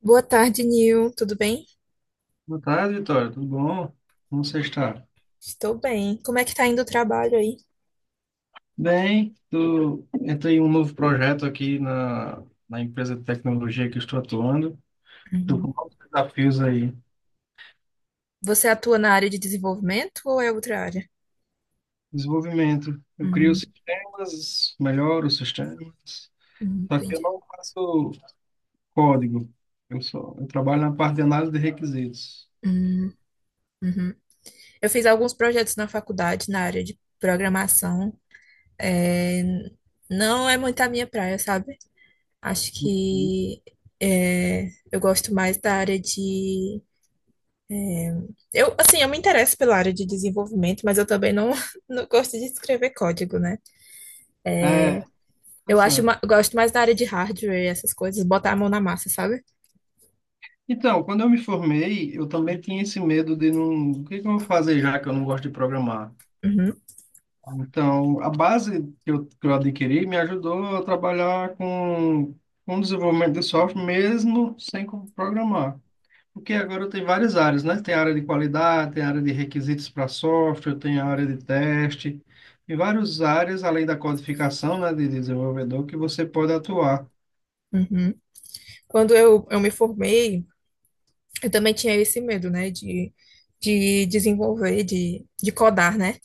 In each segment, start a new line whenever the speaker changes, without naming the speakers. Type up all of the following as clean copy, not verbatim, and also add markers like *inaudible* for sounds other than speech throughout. Boa tarde, Nil. Tudo bem?
Boa tarde, Vitória. Tudo bom? Como você está?
Estou bem. Como é que tá indo o trabalho aí?
Bem, entrei em um novo projeto aqui na empresa de tecnologia que eu estou atuando. Estou com
Uhum.
novos desafios aí.
Você atua na área de desenvolvimento ou é outra área?
Desenvolvimento. Eu crio
Hum,
sistemas, melhoro os sistemas, só que
entendi.
eu não faço código. Eu trabalho na parte de análise de requisitos.
Hum, uhum. Eu fiz alguns projetos na faculdade na área de programação. É, não é muito a minha praia, sabe? Acho que é, eu gosto mais da área de. Eu, assim, eu me interesso pela área de desenvolvimento, mas eu também não, *laughs* não gosto de escrever código, né?
É,
Eu acho,
interessante.
eu gosto mais da área de hardware e essas coisas, botar a mão na massa, sabe?
Então, quando eu me formei, eu também tinha esse medo de não... o que que eu vou fazer já que eu não gosto de programar?
Uhum,
Então, a base que eu adquiri me ajudou a trabalhar com desenvolvimento de software, mesmo sem programar. Porque agora tem várias áreas, né? Tem área de qualidade, tem área de requisitos para software, tem área de teste, e várias áreas, além da codificação, né, de desenvolvedor, que você pode atuar.
uhum. Quando eu me formei, eu também tinha esse medo, né, de desenvolver, de codar, né?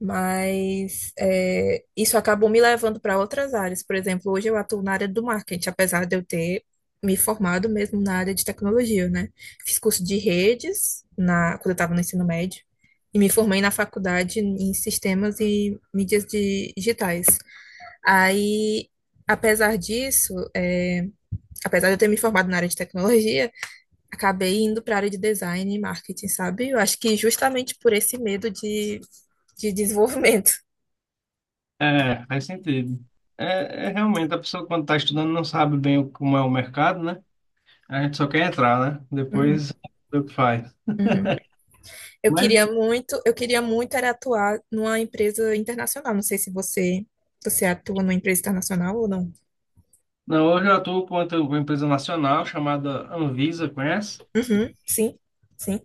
Mas isso acabou me levando para outras áreas. Por exemplo, hoje eu atuo na área do marketing, apesar de eu ter me formado mesmo na área de tecnologia, né? Fiz curso de redes quando eu estava no ensino médio e me formei na faculdade em sistemas e mídias digitais. Aí, apesar disso, apesar de eu ter me formado na área de tecnologia, acabei indo para a área de design e marketing, sabe? Eu acho que justamente por esse medo de desenvolvimento. *laughs*
É, faz sentido. É realmente, a pessoa quando está estudando não sabe bem como é o mercado, né? A gente só quer entrar, né?
Uhum,
Depois, o que faz.
uhum. Eu
Mas
queria muito, eu queria muito era atuar numa empresa internacional. Não sei se você atua numa empresa internacional ou não.
Não, hoje eu atuo com uma empresa nacional chamada Anvisa, conhece?
Uhum, sim, sim.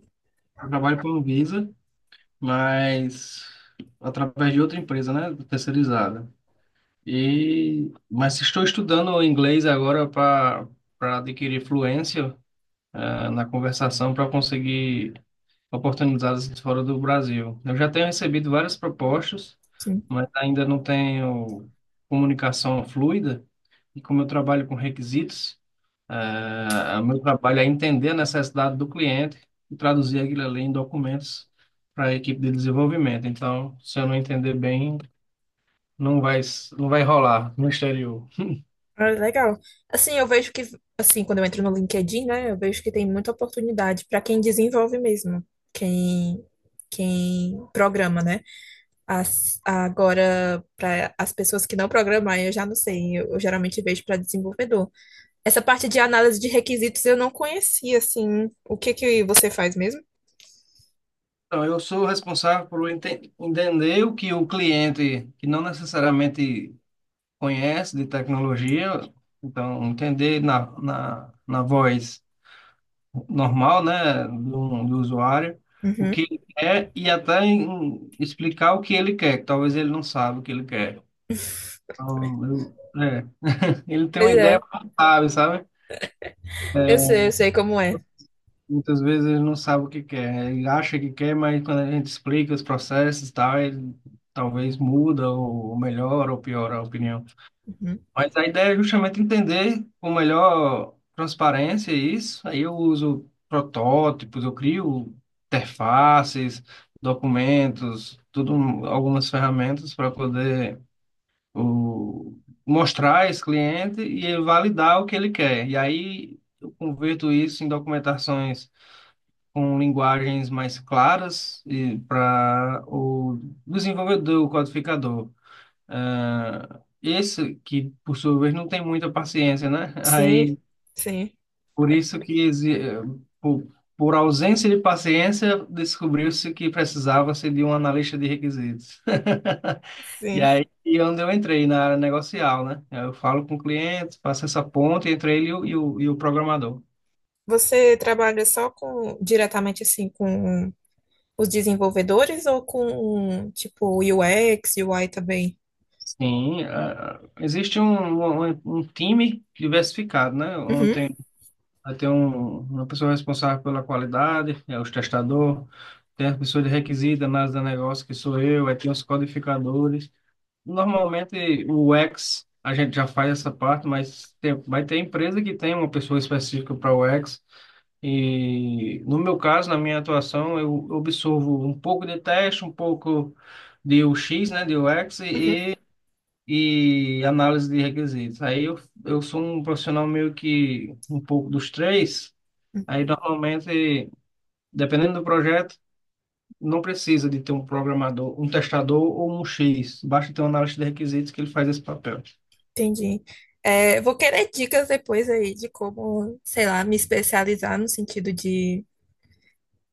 Eu trabalho com a Anvisa, mas através de outra empresa, né, terceirizada. E mas estou estudando inglês agora para adquirir fluência na conversação para conseguir oportunidades fora do Brasil. Eu já tenho recebido várias propostas,
Sim.
mas ainda não tenho comunicação fluida. E como eu trabalho com requisitos. O meu trabalho é entender a necessidade do cliente e traduzir aquilo ali em documentos para a equipe de desenvolvimento. Então, se eu não entender bem, não vai, não vai rolar no exterior.
Ah, legal. Assim, eu vejo que, assim, quando eu entro no LinkedIn, né, eu vejo que tem muita oportunidade para quem desenvolve mesmo, quem, quem programa, né? Agora, para as pessoas que não programam, aí eu já não sei, eu geralmente vejo para desenvolvedor. Essa parte de análise de requisitos eu não conhecia, assim, o que que você faz mesmo?
Então, eu sou responsável por entender o que o cliente, que não necessariamente conhece de tecnologia, então, entender na voz normal, né, do usuário, o
Uhum.
que ele quer e até explicar o que ele quer, que talvez ele não saiba o que ele quer. Então, ele tem
Pois
uma ideia,
é,
mas não sabe, sabe? É,
eu sei como é.
Muitas vezes ele não sabe o que quer, ele acha que quer, mas quando a gente explica os processos e tal, ele talvez muda ou melhora ou piora a opinião.
Uhum.
Mas a ideia é justamente entender com melhor transparência isso. Aí eu uso protótipos, eu crio interfaces, documentos, tudo, algumas ferramentas para poder o, mostrar a esse cliente e ele validar o que ele quer. E aí eu converto isso em documentações com linguagens mais claras e para o desenvolvedor, o codificador. Ah, esse que, por sua vez, não tem muita paciência, né? *laughs*
Sim,
Aí,
sim,
por isso que, por, por ausência de paciência, descobriu-se que precisava-se de um analista de requisitos. *laughs* E
sim.
aí, e onde eu entrei na área negocial, né? Eu falo com o cliente, faço essa ponte entre ele e o programador.
Você trabalha só com diretamente assim com os desenvolvedores ou com tipo UX, UI também?
Sim, ah, existe um time diversificado, né?
Uhum.
Ontem vai ter uma pessoa responsável pela qualidade, é os testador, tem as pessoas de requisito, análise do negócio, que sou eu, aí tem os codificadores. Normalmente o U X a gente já faz essa parte, mas tem, vai ter empresa que tem uma pessoa específica para o U X. E no meu caso, na minha atuação, eu absorvo um pouco de teste, um pouco de U X, né, de U X
Uhum,
e análise de requisitos. Aí eu sou um profissional meio que um pouco dos três. Aí, normalmente, dependendo do projeto, não precisa de ter um programador, um testador ou um X. Basta ter um analista de requisitos que ele faz esse papel.
entendi. É, eu vou querer dicas depois aí de como, sei lá, me especializar no sentido de,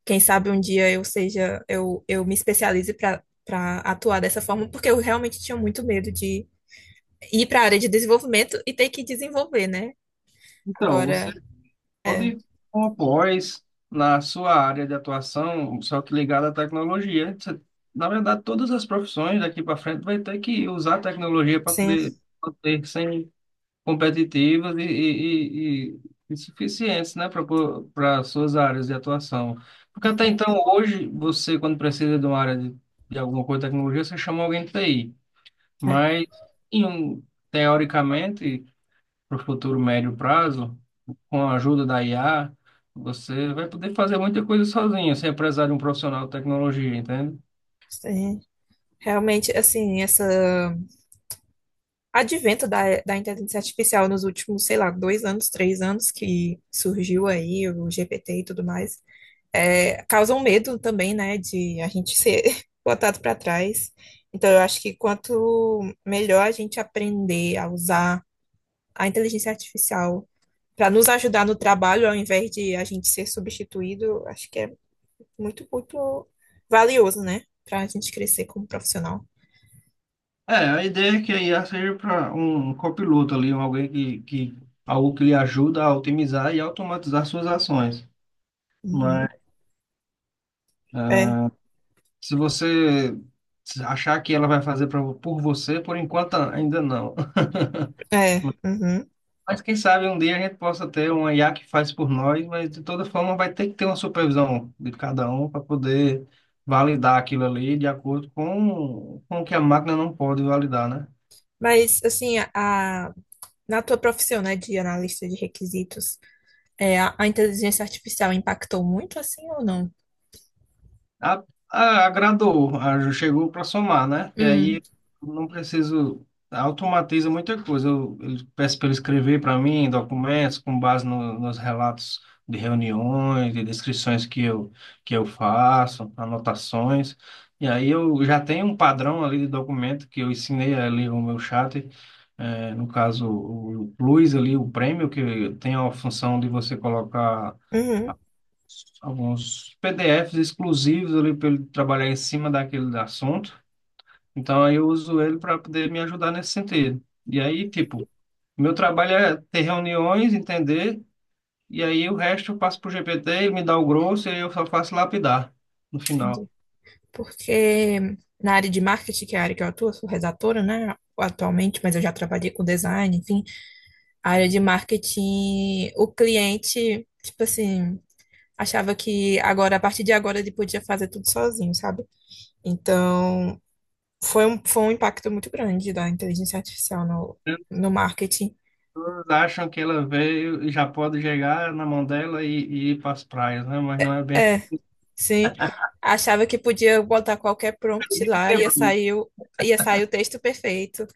quem sabe um dia eu seja, eu me especialize para atuar dessa forma, porque eu realmente tinha muito medo de ir para a área de desenvolvimento e ter que desenvolver, né?
Então, você
Agora, é,
pode, com a pós, na sua área de atuação, só que ligada à tecnologia. Na verdade, todas as profissões daqui para frente vai ter que usar a tecnologia para
sim,
poder manter sem competitivas e suficientes, né, para suas áreas de atuação. Porque até então, hoje, você, quando precisa de uma área de alguma coisa de tecnologia, você chama alguém de TI.
é,
Mas, em um, teoricamente, para o futuro médio prazo, com a ajuda da IA, você vai poder fazer muita coisa sozinho, sem precisar de um profissional de tecnologia, entende?
sim. Realmente, assim, essa advento da inteligência artificial nos últimos, sei lá, 2 anos, 3 anos que surgiu aí o GPT e tudo mais, causa um medo também, né, de a gente ser *laughs* botado para trás. Então, eu acho que quanto melhor a gente aprender a usar a inteligência artificial para nos ajudar no trabalho, ao invés de a gente ser substituído, acho que é muito, muito valioso, né, para a gente crescer como profissional.
É, a ideia é que a IA seja para um copiloto ali, um alguém que algo que lhe ajuda a otimizar e automatizar suas ações.
Uhum.
Mas
É,
ah, se você achar que ela vai fazer por você, por enquanto ainda não.
é, uhum.
Mas quem sabe um dia a gente possa ter uma IA que faz por nós, mas de toda forma vai ter que ter uma supervisão de cada um para poder validar aquilo ali de acordo com o que a máquina não pode validar, né?
Mas assim, a- na tua profissão, né, de analista de requisitos, a inteligência artificial impactou muito assim ou não?
A- Agradou, chegou para somar, né? E
Hum,
aí eu não preciso, automatiza muita coisa. Eu peço para ele escrever para mim documentos com base nos relatos de reuniões, de descrições que eu faço, anotações. E aí eu já tenho um padrão ali de documento que eu ensinei ali o meu chat, no caso o Plus ali, o prêmio, que tem a função de você colocar
uhum,
alguns PDFs exclusivos ali para ele trabalhar em cima daquele assunto. Então, aí eu uso ele para poder me ajudar nesse sentido. E aí, tipo, meu trabalho é ter reuniões, entender, e aí o resto eu passo para o GPT, ele me dá o grosso e aí eu só faço lapidar no
entendi.
final.
Porque na área de marketing, que é a área que eu atuo, eu sou redatora, né, atualmente, mas eu já trabalhei com design, enfim. A área de marketing, o cliente, tipo assim, achava que agora, a partir de agora, ele podia fazer tudo sozinho, sabe? Então, foi um impacto muito grande da inteligência artificial
As
no marketing.
pessoas acham que ela veio e já pode chegar na mão dela e ir para as praias, né? Mas não é bem
É, sim. Achava que podia botar qualquer prompt lá,
assim.
ia sair o texto perfeito.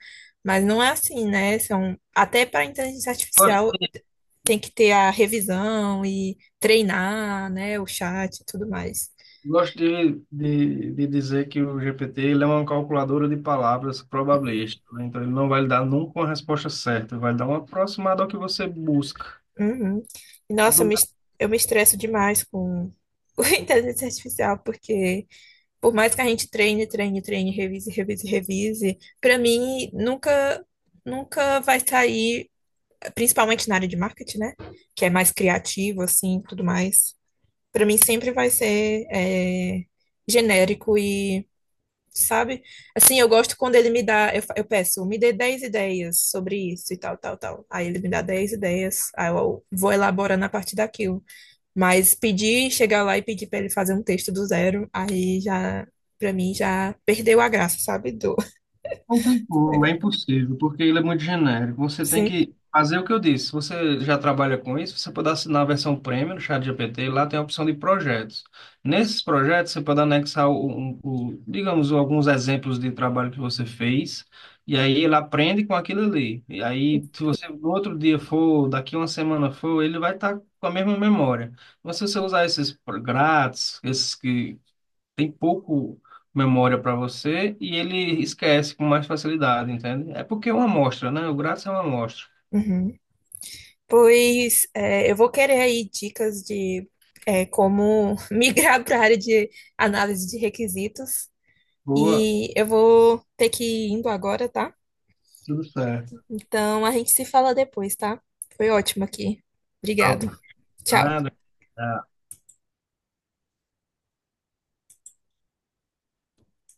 Mas não é assim, né? São, até para inteligência
*laughs*
artificial tem que ter a revisão e treinar, né, o chat e tudo mais.
Gosto de dizer que o GPT ele é uma calculadora de palavras probabilística, né? Então ele não vai lhe dar nunca uma resposta certa, vai dar uma aproximada ao que você busca.
Uhum. E nossa, eu me estresso demais com, *laughs* com a inteligência artificial, porque por mais que a gente treine, treine, treine, revise, revise, revise, pra mim nunca, nunca vai sair, principalmente na área de marketing, né? Que é mais criativo, assim, tudo mais. Pra mim sempre vai ser genérico, sabe? Assim, eu gosto quando ele me dá, eu peço, me dê 10 ideias sobre isso e tal, tal, tal. Aí ele me dá 10 ideias, aí eu vou elaborando a partir daquilo. Mas pedir, chegar lá e pedir para ele fazer um texto do zero, aí já, para mim, já perdeu a graça, sabe? Do...
Não tem como, é
*laughs*
impossível, porque ele é muito genérico. Você tem
Sim.
que fazer o que eu disse. Se você já trabalha com isso, você pode assinar a versão premium no ChatGPT, lá tem a opção de projetos. Nesses projetos, você pode anexar digamos, alguns exemplos de trabalho que você fez, e aí ele aprende com aquilo ali. E aí, se você no outro dia for, daqui uma semana for, ele vai estar com a mesma memória. Mas se você usar esses grátis, esses que tem pouco memória para você e ele esquece com mais facilidade, entende? É porque é uma amostra, né? O grátis é uma amostra.
Uhum. Pois é, eu vou querer aí dicas de como *laughs* migrar para a área de análise de requisitos.
Boa,
E eu vou ter que ir indo agora, tá?
tudo certo.
Então, a gente se fala depois, tá? Foi ótimo aqui.
Tá, ok.
Obrigado. Tchau.
Nada.